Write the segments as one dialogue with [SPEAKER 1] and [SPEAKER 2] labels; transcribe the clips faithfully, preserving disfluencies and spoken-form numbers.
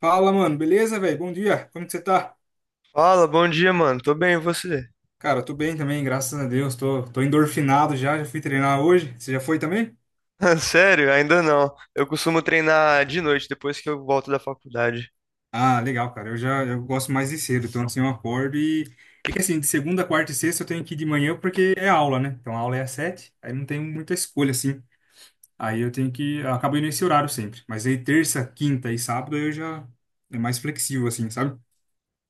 [SPEAKER 1] Fala, mano, beleza, velho? Bom dia, como que você tá?
[SPEAKER 2] Fala, bom dia, mano. Tô bem, e você?
[SPEAKER 1] Cara, eu tô bem também, graças a Deus, tô, tô endorfinado já, já fui treinar hoje. Você já foi também?
[SPEAKER 2] Sério? Ainda não. Eu costumo treinar de noite, depois que eu volto da faculdade.
[SPEAKER 1] Ah, legal, cara, eu já eu gosto mais de cedo, então assim eu acordo e. É que assim, de segunda, quarta e sexta eu tenho que ir de manhã porque é aula, né? Então a aula é às sete, aí não tem muita escolha assim. Aí eu tenho que. Eu acabo indo nesse horário sempre. Mas aí terça, quinta e sábado eu já. É mais flexível assim, sabe?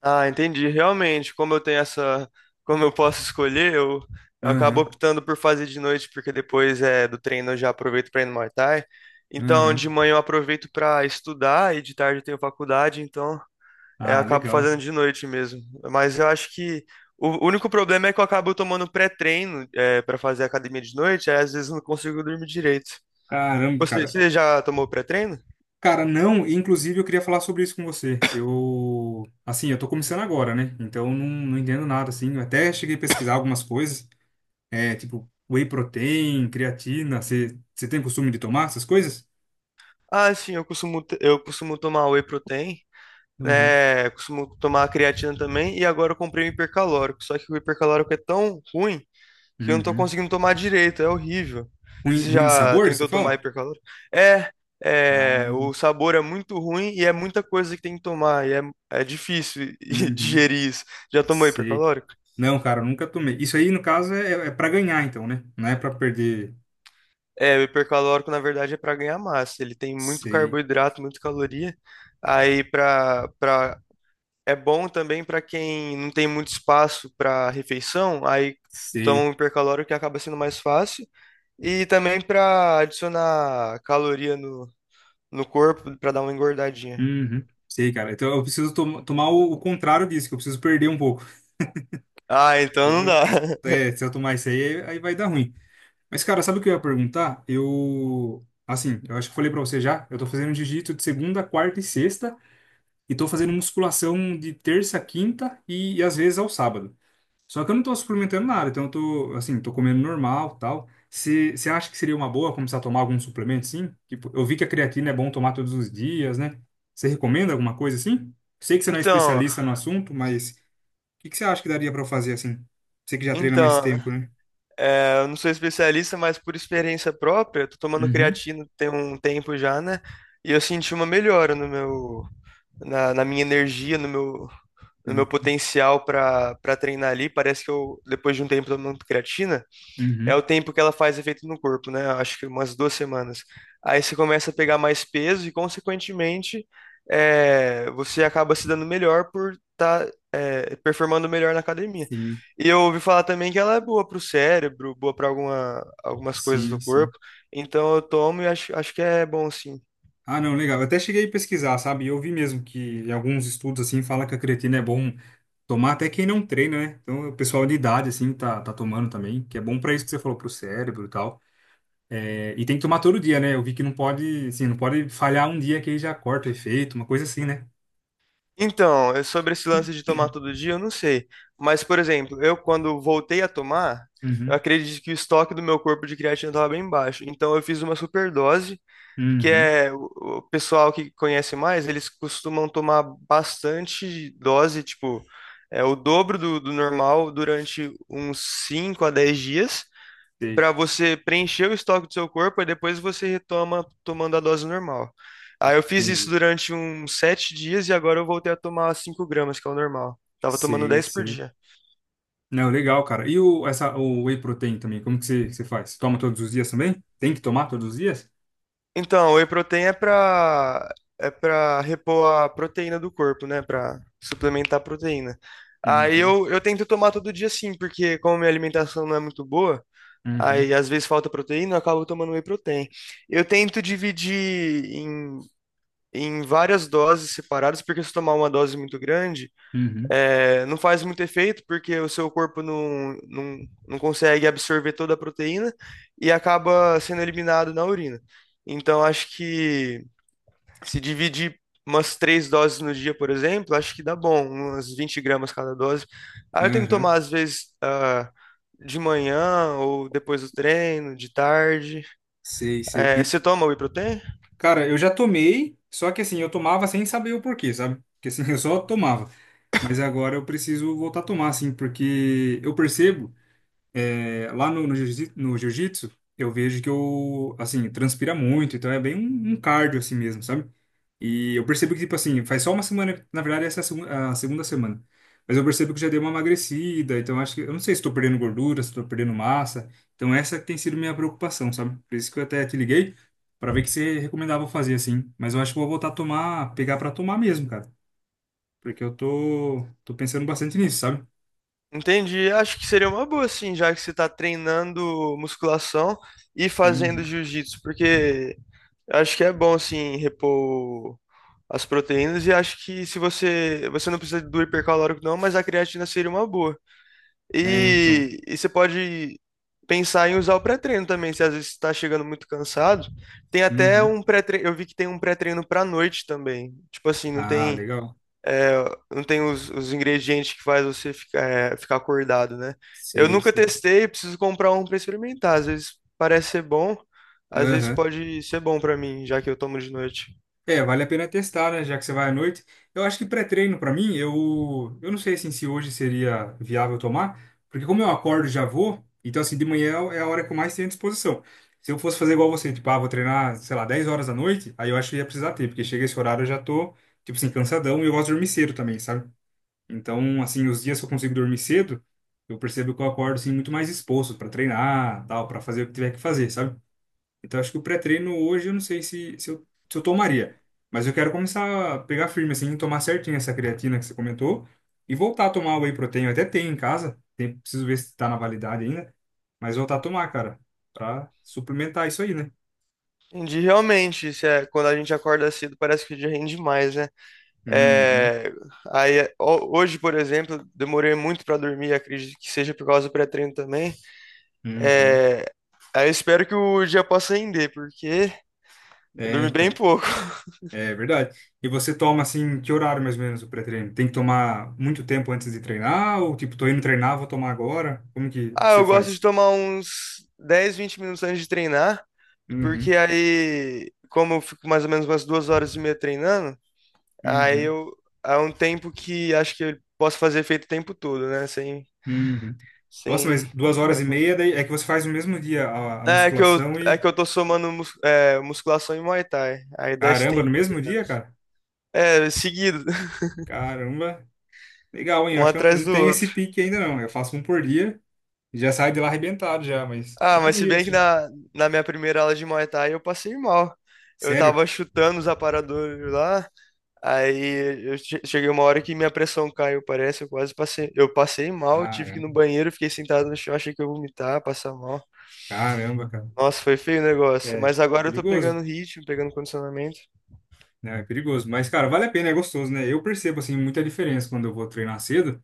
[SPEAKER 2] Ah, entendi. Realmente, como eu tenho essa. Como eu posso escolher, eu, eu acabo
[SPEAKER 1] Aham,
[SPEAKER 2] optando por fazer de noite, porque depois é, do treino eu já aproveito pra ir no Muay Thai. Então, de
[SPEAKER 1] aham.
[SPEAKER 2] manhã eu aproveito pra estudar e de tarde eu tenho faculdade, então é, eu
[SPEAKER 1] Ah,
[SPEAKER 2] acabo
[SPEAKER 1] legal.
[SPEAKER 2] fazendo de noite mesmo. Mas eu acho que. O único problema é que eu acabo tomando pré-treino é, para fazer academia de noite, aí às vezes eu não consigo dormir direito.
[SPEAKER 1] Caramba,
[SPEAKER 2] Você,
[SPEAKER 1] cara.
[SPEAKER 2] você já tomou pré-treino?
[SPEAKER 1] Cara, não, e, inclusive eu queria falar sobre isso com você. Eu, assim, eu tô começando agora, né? Então eu não, não entendo nada, assim. Eu até cheguei a pesquisar algumas coisas, é, tipo whey protein, creatina. Você você tem costume de tomar essas coisas?
[SPEAKER 2] Ah, sim, eu costumo, t- eu costumo tomar whey protein,
[SPEAKER 1] Uhum.
[SPEAKER 2] né? Costumo tomar creatina também, e agora eu comprei o hipercalórico. Só que o hipercalórico é tão ruim que eu não tô
[SPEAKER 1] Uhum.
[SPEAKER 2] conseguindo tomar direito, é horrível.
[SPEAKER 1] Ruim,
[SPEAKER 2] Você
[SPEAKER 1] ruim de
[SPEAKER 2] já
[SPEAKER 1] sabor, você
[SPEAKER 2] tentou tomar
[SPEAKER 1] fala?
[SPEAKER 2] hipercalórico? É, é,
[SPEAKER 1] Ah,
[SPEAKER 2] o sabor é muito ruim e é muita coisa que tem que tomar, e é, é difícil
[SPEAKER 1] uhum.
[SPEAKER 2] digerir isso. Já tomou
[SPEAKER 1] Sei.
[SPEAKER 2] hipercalórico?
[SPEAKER 1] Não, cara, eu nunca tomei. Isso aí, no caso, é, é para ganhar, então, né? Não é para perder.
[SPEAKER 2] É, o hipercalórico, na verdade, é para ganhar massa. Ele tem muito
[SPEAKER 1] Sei,
[SPEAKER 2] carboidrato, muita caloria. Aí para para é bom também para quem não tem muito espaço para refeição, aí toma
[SPEAKER 1] sei.
[SPEAKER 2] um hipercalórico que acaba sendo mais fácil. E também para adicionar caloria no, no corpo para dar uma engordadinha.
[SPEAKER 1] Uhum. Sei, cara. Então eu preciso tom- tomar o, o contrário disso, que eu preciso perder um pouco.
[SPEAKER 2] Ah, então não
[SPEAKER 1] Preciso-
[SPEAKER 2] dá.
[SPEAKER 1] É, se eu tomar isso aí, aí vai dar ruim. Mas, cara, sabe o que eu ia perguntar? Eu. Assim, eu acho que falei pra você já. Eu tô fazendo jiu-jitsu de segunda, quarta e sexta. E tô fazendo musculação de terça, quinta e, e às vezes ao sábado. Só que eu não tô suplementando nada. Então, eu tô, assim, tô comendo normal tal. Você você acha que seria uma boa começar a tomar algum suplemento, sim? Tipo, eu vi que a creatina é bom tomar todos os dias, né? Você recomenda alguma coisa assim? Sei que você não é
[SPEAKER 2] Então,
[SPEAKER 1] especialista no assunto, mas o que que você acha que daria pra eu fazer assim? Você que já treina mais
[SPEAKER 2] então,
[SPEAKER 1] tempo, né?
[SPEAKER 2] é, eu não sou especialista, mas por experiência própria, eu tô tomando
[SPEAKER 1] Uhum,
[SPEAKER 2] creatina tem um tempo já, né? E eu senti uma melhora no meu na, na minha energia, no meu, no meu potencial para para treinar ali. Parece que eu, depois de um tempo tomando creatina, é
[SPEAKER 1] uhum,
[SPEAKER 2] o tempo que ela faz efeito no corpo, né? Acho que umas duas semanas. Aí você começa a pegar mais peso e, consequentemente, é, você acaba se dando melhor por estar tá, é, performando melhor na academia.
[SPEAKER 1] sim,
[SPEAKER 2] E eu ouvi falar também que ela é boa para o cérebro, boa para alguma, algumas coisas do
[SPEAKER 1] sim, sim.
[SPEAKER 2] corpo. Então eu tomo e acho, acho que é bom sim.
[SPEAKER 1] Ah, não, legal. Eu até cheguei a pesquisar, sabe? E eu vi mesmo que em alguns estudos assim fala que a creatina é bom tomar até quem não treina, né? Então o pessoal de idade assim tá, tá tomando também, que é bom pra isso que você falou pro cérebro e tal. É, e tem que tomar todo dia, né? Eu vi que não pode, assim, não pode falhar um dia que aí já corta o efeito, uma coisa assim, né?
[SPEAKER 2] Então, é sobre esse lance de tomar todo dia, eu não sei. Mas, por exemplo, eu quando voltei a tomar, eu
[SPEAKER 1] Uhum,
[SPEAKER 2] acredito que o estoque do meu corpo de creatina estava bem baixo. Então, eu fiz uma superdose, que
[SPEAKER 1] uhum,
[SPEAKER 2] é o o pessoal que conhece mais, eles costumam tomar bastante dose, tipo, é o dobro do, do normal durante uns cinco a dez dias
[SPEAKER 1] sei,
[SPEAKER 2] para você preencher o estoque do seu corpo e depois você retoma tomando a dose normal.
[SPEAKER 1] ah,
[SPEAKER 2] Aí eu fiz isso
[SPEAKER 1] entendi,
[SPEAKER 2] durante uns sete dias e agora eu voltei a tomar cinco gramas, que é o normal. Tava tomando
[SPEAKER 1] sei,
[SPEAKER 2] dez por
[SPEAKER 1] sei.
[SPEAKER 2] dia.
[SPEAKER 1] Não, legal, cara. E o, essa, o whey protein também, como que você, que você faz? Toma todos os dias também? Tem que tomar todos os dias?
[SPEAKER 2] Então, o whey protein é pra, é pra, repor a proteína do corpo, né? Pra suplementar a proteína. Aí
[SPEAKER 1] Uhum,
[SPEAKER 2] eu, eu tento tomar todo dia sim, porque como minha alimentação não é muito boa,
[SPEAKER 1] uhum,
[SPEAKER 2] aí às vezes falta proteína, eu acabo tomando whey protein. Eu tento dividir em em várias doses separadas, porque se tomar uma dose muito grande,
[SPEAKER 1] uhum,
[SPEAKER 2] é, não faz muito efeito, porque o seu corpo não, não, não consegue absorver toda a proteína e acaba sendo eliminado na urina. Então, acho que se dividir umas três doses no dia, por exemplo, acho que dá bom, umas vinte gramas cada dose. Aí eu tenho que
[SPEAKER 1] uhum.
[SPEAKER 2] tomar, às vezes, ah, de manhã ou depois do treino, de tarde.
[SPEAKER 1] Sei, sei.
[SPEAKER 2] É,
[SPEAKER 1] E,
[SPEAKER 2] você toma whey protein?
[SPEAKER 1] cara, eu já tomei, só que assim, eu tomava sem saber o porquê, sabe? Porque assim, eu só tomava. Mas agora eu preciso voltar a tomar, assim, porque eu percebo. É, lá no, no jiu-jitsu, no jiu-jitsu, eu vejo que eu, assim, transpira muito, então é bem um, um cardio assim mesmo, sabe? E eu percebo que, tipo assim, faz só uma semana, na verdade essa é a, segu- a segunda semana, mas eu percebo que já dei uma emagrecida, então acho que, eu não sei se estou perdendo gordura, se estou perdendo massa, então essa tem sido minha preocupação, sabe? Por isso que eu até te liguei, para ver o que você recomendava eu fazer, assim, mas eu acho que vou voltar a tomar, pegar para tomar mesmo, cara, porque eu tô, tô pensando bastante nisso, sabe?
[SPEAKER 2] Entendi. Acho que seria uma boa, sim, já que você tá treinando musculação e fazendo
[SPEAKER 1] Uhum.
[SPEAKER 2] jiu-jitsu, porque acho que é bom, assim, repor as proteínas e acho que se você, você não precisa do hipercalórico não, mas a creatina seria uma boa.
[SPEAKER 1] É, então.
[SPEAKER 2] E, e você pode pensar em usar o pré-treino também, se às vezes está chegando muito cansado. Tem até
[SPEAKER 1] Uhum.
[SPEAKER 2] um pré-treino, eu vi que tem um pré-treino para noite também. Tipo assim, não
[SPEAKER 1] Ah,
[SPEAKER 2] tem
[SPEAKER 1] legal.
[SPEAKER 2] não tem os, os ingredientes que faz você ficar, é, ficar acordado, né? Eu
[SPEAKER 1] Sei,
[SPEAKER 2] nunca
[SPEAKER 1] sei.
[SPEAKER 2] testei, preciso comprar um para experimentar. Às vezes parece ser bom, às vezes
[SPEAKER 1] Aham.
[SPEAKER 2] pode ser bom para mim, já que eu tomo de noite.
[SPEAKER 1] É, vale a pena testar, né? Já que você vai à noite. Eu acho que pré-treino, pra mim, eu, eu não sei assim, se hoje seria viável tomar, porque como eu acordo e já vou, então assim, de manhã é a hora que eu mais tenho disposição. Se eu fosse fazer igual você, tipo, ah, vou treinar, sei lá, dez horas da noite, aí eu acho que ia precisar ter, porque chega esse horário eu já tô, tipo assim, cansadão e eu gosto de dormir cedo também, sabe? Então, assim, os dias que eu consigo dormir cedo, eu percebo que eu acordo, assim, muito mais disposto pra treinar, tal, pra fazer o que tiver que fazer, sabe? Então, acho que o pré-treino hoje eu não sei se, se, eu, se eu tomaria. Mas eu quero começar a pegar firme, assim, tomar certinho essa creatina que você comentou e voltar a tomar whey protein. Eu até tenho em casa, tem, preciso ver se tá na validade ainda. Mas voltar a tomar, cara, pra suplementar isso aí, né?
[SPEAKER 2] Entendi, realmente, isso é, quando a gente acorda cedo, parece que o dia rende mais, né?
[SPEAKER 1] Uhum,
[SPEAKER 2] É, aí, é, ho- hoje, por exemplo, demorei muito para dormir, acredito que seja por causa do pré-treino também.
[SPEAKER 1] uhum.
[SPEAKER 2] É, aí eu espero que o dia possa render, porque eu
[SPEAKER 1] É,
[SPEAKER 2] dormi bem
[SPEAKER 1] então.
[SPEAKER 2] pouco.
[SPEAKER 1] É verdade. E você toma, assim, que horário mais ou menos o pré-treino? Tem que tomar muito tempo antes de treinar? Ou, tipo, tô indo treinar, vou tomar agora? Como que
[SPEAKER 2] Ah,
[SPEAKER 1] você
[SPEAKER 2] eu gosto de
[SPEAKER 1] faz?
[SPEAKER 2] tomar uns dez, vinte minutos antes de treinar,
[SPEAKER 1] Uhum,
[SPEAKER 2] porque aí, como eu fico mais ou menos umas duas horas e meia treinando, aí
[SPEAKER 1] uhum.
[SPEAKER 2] eu é um tempo que acho que eu posso fazer efeito o tempo todo, né? Sem,
[SPEAKER 1] Uhum. Nossa,
[SPEAKER 2] sem
[SPEAKER 1] mas duas horas
[SPEAKER 2] hora
[SPEAKER 1] e
[SPEAKER 2] contra-
[SPEAKER 1] meia daí é que você faz no mesmo dia a, a
[SPEAKER 2] É que eu,
[SPEAKER 1] musculação
[SPEAKER 2] é
[SPEAKER 1] e.
[SPEAKER 2] que eu tô somando mus- é, musculação e Muay Thai. Aí dá esse
[SPEAKER 1] Caramba,
[SPEAKER 2] tempo,
[SPEAKER 1] no
[SPEAKER 2] mais ou
[SPEAKER 1] mesmo dia,
[SPEAKER 2] menos.
[SPEAKER 1] cara?
[SPEAKER 2] É, seguido,
[SPEAKER 1] Caramba. Legal, hein? Eu
[SPEAKER 2] um
[SPEAKER 1] acho que eu não eu
[SPEAKER 2] atrás
[SPEAKER 1] não
[SPEAKER 2] do
[SPEAKER 1] tenho esse
[SPEAKER 2] outro.
[SPEAKER 1] pique ainda, não. Eu faço um por dia e já saio de lá arrebentado já, mas
[SPEAKER 2] Ah, mas se
[SPEAKER 1] admiro,
[SPEAKER 2] bem que
[SPEAKER 1] assim.
[SPEAKER 2] na, na minha primeira aula de Muay Thai eu passei mal. Eu
[SPEAKER 1] Sério?
[SPEAKER 2] tava chutando os aparadores lá. Aí eu che- cheguei uma hora que minha pressão caiu, parece, eu quase passei. Eu passei mal, tive que ir no
[SPEAKER 1] Caramba,
[SPEAKER 2] banheiro, fiquei sentado no chão, achei que eu ia vomitar, passar mal.
[SPEAKER 1] caramba, cara.
[SPEAKER 2] Nossa, foi feio o negócio.
[SPEAKER 1] É
[SPEAKER 2] Mas agora eu tô
[SPEAKER 1] perigoso,
[SPEAKER 2] pegando ritmo, pegando condicionamento.
[SPEAKER 1] né? É perigoso. Mas, cara, vale a pena, é gostoso, né? Eu percebo, assim, muita diferença quando eu vou treinar cedo.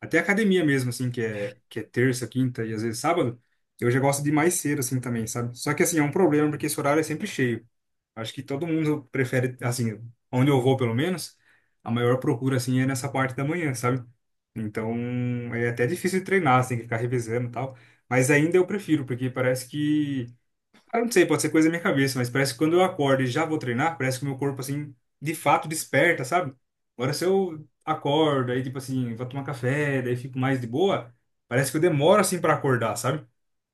[SPEAKER 1] Até academia mesmo, assim, que é, que é terça, quinta e às vezes sábado, eu já gosto de ir mais cedo, assim, também, sabe? Só que, assim, é um problema porque esse horário é sempre cheio. Acho que todo mundo prefere, assim, onde eu vou, pelo menos, a maior procura, assim, é nessa parte da manhã, sabe? Então, é até difícil de treinar, você tem que ficar revezando e tal. Mas ainda eu prefiro, porque parece que eu não sei, pode ser coisa da minha cabeça, mas parece que quando eu acordo e já vou treinar, parece que o meu corpo, assim, de fato desperta, sabe? Agora, se eu acordo, aí, tipo assim, vou tomar café, daí fico mais de boa, parece que eu demoro, assim, para acordar, sabe?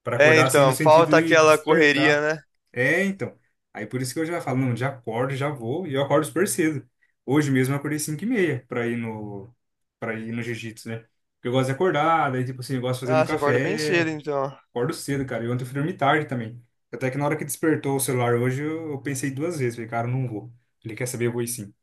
[SPEAKER 1] Para
[SPEAKER 2] É,
[SPEAKER 1] acordar, assim, no
[SPEAKER 2] então,
[SPEAKER 1] sentido
[SPEAKER 2] falta
[SPEAKER 1] de
[SPEAKER 2] aquela correria,
[SPEAKER 1] despertar.
[SPEAKER 2] né?
[SPEAKER 1] É, então. Aí, por isso que eu já falo, não, já acordo, já vou, e eu acordo super cedo. Hoje mesmo eu acordei cinco e meia para ir no, para ir no, jiu-jitsu, né? Porque eu gosto de acordar, daí, tipo assim, eu gosto de fazer meu
[SPEAKER 2] Ah, você acorda bem cedo,
[SPEAKER 1] café.
[SPEAKER 2] então.
[SPEAKER 1] Acordo cedo, cara. E ontem eu fui dormir tarde também. Até que na hora que despertou o celular hoje, eu, eu pensei duas vezes. Falei, cara, eu não vou. Ele quer saber, eu vou ir sim.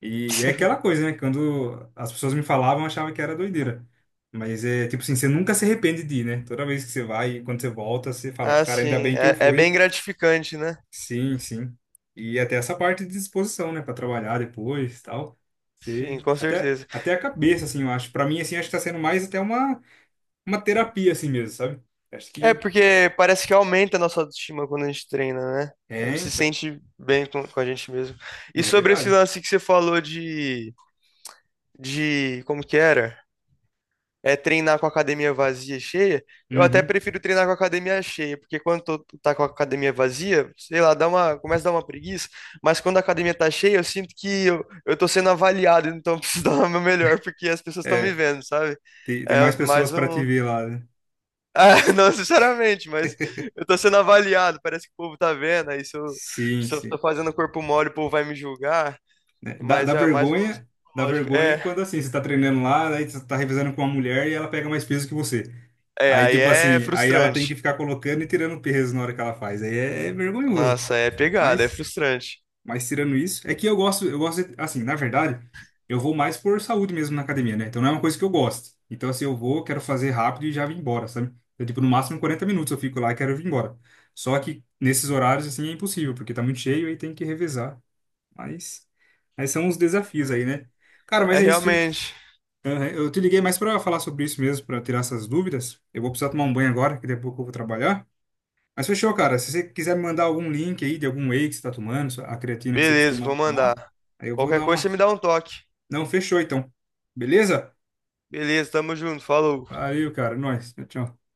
[SPEAKER 1] E, é aquela coisa, né? Quando as pessoas me falavam, eu achava que era doideira. Mas é tipo assim, você nunca se arrepende de ir, né? Toda vez que você vai, quando você volta, você fala,
[SPEAKER 2] Ah,
[SPEAKER 1] cara, ainda
[SPEAKER 2] sim,
[SPEAKER 1] bem que eu
[SPEAKER 2] é, é bem
[SPEAKER 1] fui.
[SPEAKER 2] gratificante, né?
[SPEAKER 1] Sim, sim. E até essa parte de disposição, né? Para trabalhar depois, tal.
[SPEAKER 2] Sim,
[SPEAKER 1] Você...
[SPEAKER 2] com
[SPEAKER 1] Até,
[SPEAKER 2] certeza.
[SPEAKER 1] até a cabeça, assim, eu acho. Para mim, assim, acho que tá sendo mais até uma, uma terapia, assim mesmo, sabe? Acho
[SPEAKER 2] É
[SPEAKER 1] que...
[SPEAKER 2] porque parece que aumenta a nossa autoestima quando a gente treina, né? A
[SPEAKER 1] É,
[SPEAKER 2] gente se
[SPEAKER 1] então.
[SPEAKER 2] sente bem com, com a gente mesmo. E
[SPEAKER 1] É
[SPEAKER 2] sobre esse
[SPEAKER 1] verdade.
[SPEAKER 2] lance que você falou de de como que era? É treinar com a academia vazia e cheia. Eu até
[SPEAKER 1] Uhum.
[SPEAKER 2] prefiro treinar com a academia cheia, porque quando tu tá com a academia vazia, sei lá, dá uma, começa a dar uma preguiça, mas quando a academia tá cheia, eu sinto que eu, eu tô sendo avaliado, então eu preciso dar o meu melhor, porque as pessoas estão me
[SPEAKER 1] É,
[SPEAKER 2] vendo, sabe?
[SPEAKER 1] tem, tem
[SPEAKER 2] É
[SPEAKER 1] mais pessoas
[SPEAKER 2] mais
[SPEAKER 1] para te
[SPEAKER 2] um.
[SPEAKER 1] ver lá, né?
[SPEAKER 2] Ah, não, sinceramente, mas eu tô sendo avaliado, parece que o povo tá vendo, aí se eu,
[SPEAKER 1] Sim,
[SPEAKER 2] se eu tô
[SPEAKER 1] sim.
[SPEAKER 2] fazendo corpo mole, o povo vai me julgar,
[SPEAKER 1] Né? Dá, dá
[SPEAKER 2] mas é mais um lance
[SPEAKER 1] vergonha, dá
[SPEAKER 2] psicológico.
[SPEAKER 1] vergonha
[SPEAKER 2] É,
[SPEAKER 1] quando assim, você tá treinando lá, aí você tá revezando com uma mulher e ela pega mais peso que você.
[SPEAKER 2] é,
[SPEAKER 1] Aí,
[SPEAKER 2] aí
[SPEAKER 1] tipo
[SPEAKER 2] é
[SPEAKER 1] assim, aí ela tem que
[SPEAKER 2] frustrante.
[SPEAKER 1] ficar colocando e tirando peso na hora que ela faz. Aí é, é vergonhoso.
[SPEAKER 2] Nossa, é pegada, é
[SPEAKER 1] Mas
[SPEAKER 2] frustrante.
[SPEAKER 1] Mas tirando isso, é que eu gosto, eu gosto, de- assim, na verdade, eu vou mais por saúde mesmo na academia, né? Então não é uma coisa que eu gosto. Então, assim, eu vou, quero fazer rápido e já vim embora, sabe? Então, tipo, no máximo quarenta minutos eu fico lá e quero vir embora. Só que nesses horários, assim, é impossível, porque tá muito cheio e tem que revezar. Mas, mas são os desafios
[SPEAKER 2] É,
[SPEAKER 1] aí, né? Cara,
[SPEAKER 2] É,
[SPEAKER 1] mas é isso. Te-
[SPEAKER 2] realmente.
[SPEAKER 1] Aham, eu te liguei mais pra falar sobre isso mesmo, pra tirar essas dúvidas. Eu vou precisar tomar um banho agora, que daqui a pouco eu vou trabalhar. Mas fechou, cara. Se você quiser me mandar algum link aí de algum whey que você tá tomando, a creatina que você
[SPEAKER 2] Beleza, vou
[SPEAKER 1] costuma
[SPEAKER 2] mandar.
[SPEAKER 1] tomar, aí eu vou
[SPEAKER 2] Qualquer
[SPEAKER 1] dar
[SPEAKER 2] coisa você
[SPEAKER 1] uma.
[SPEAKER 2] me dá um toque.
[SPEAKER 1] Não, fechou então. Beleza?
[SPEAKER 2] Beleza, tamo junto, falou.
[SPEAKER 1] Valeu, cara. Nós. Tchau. Tchau.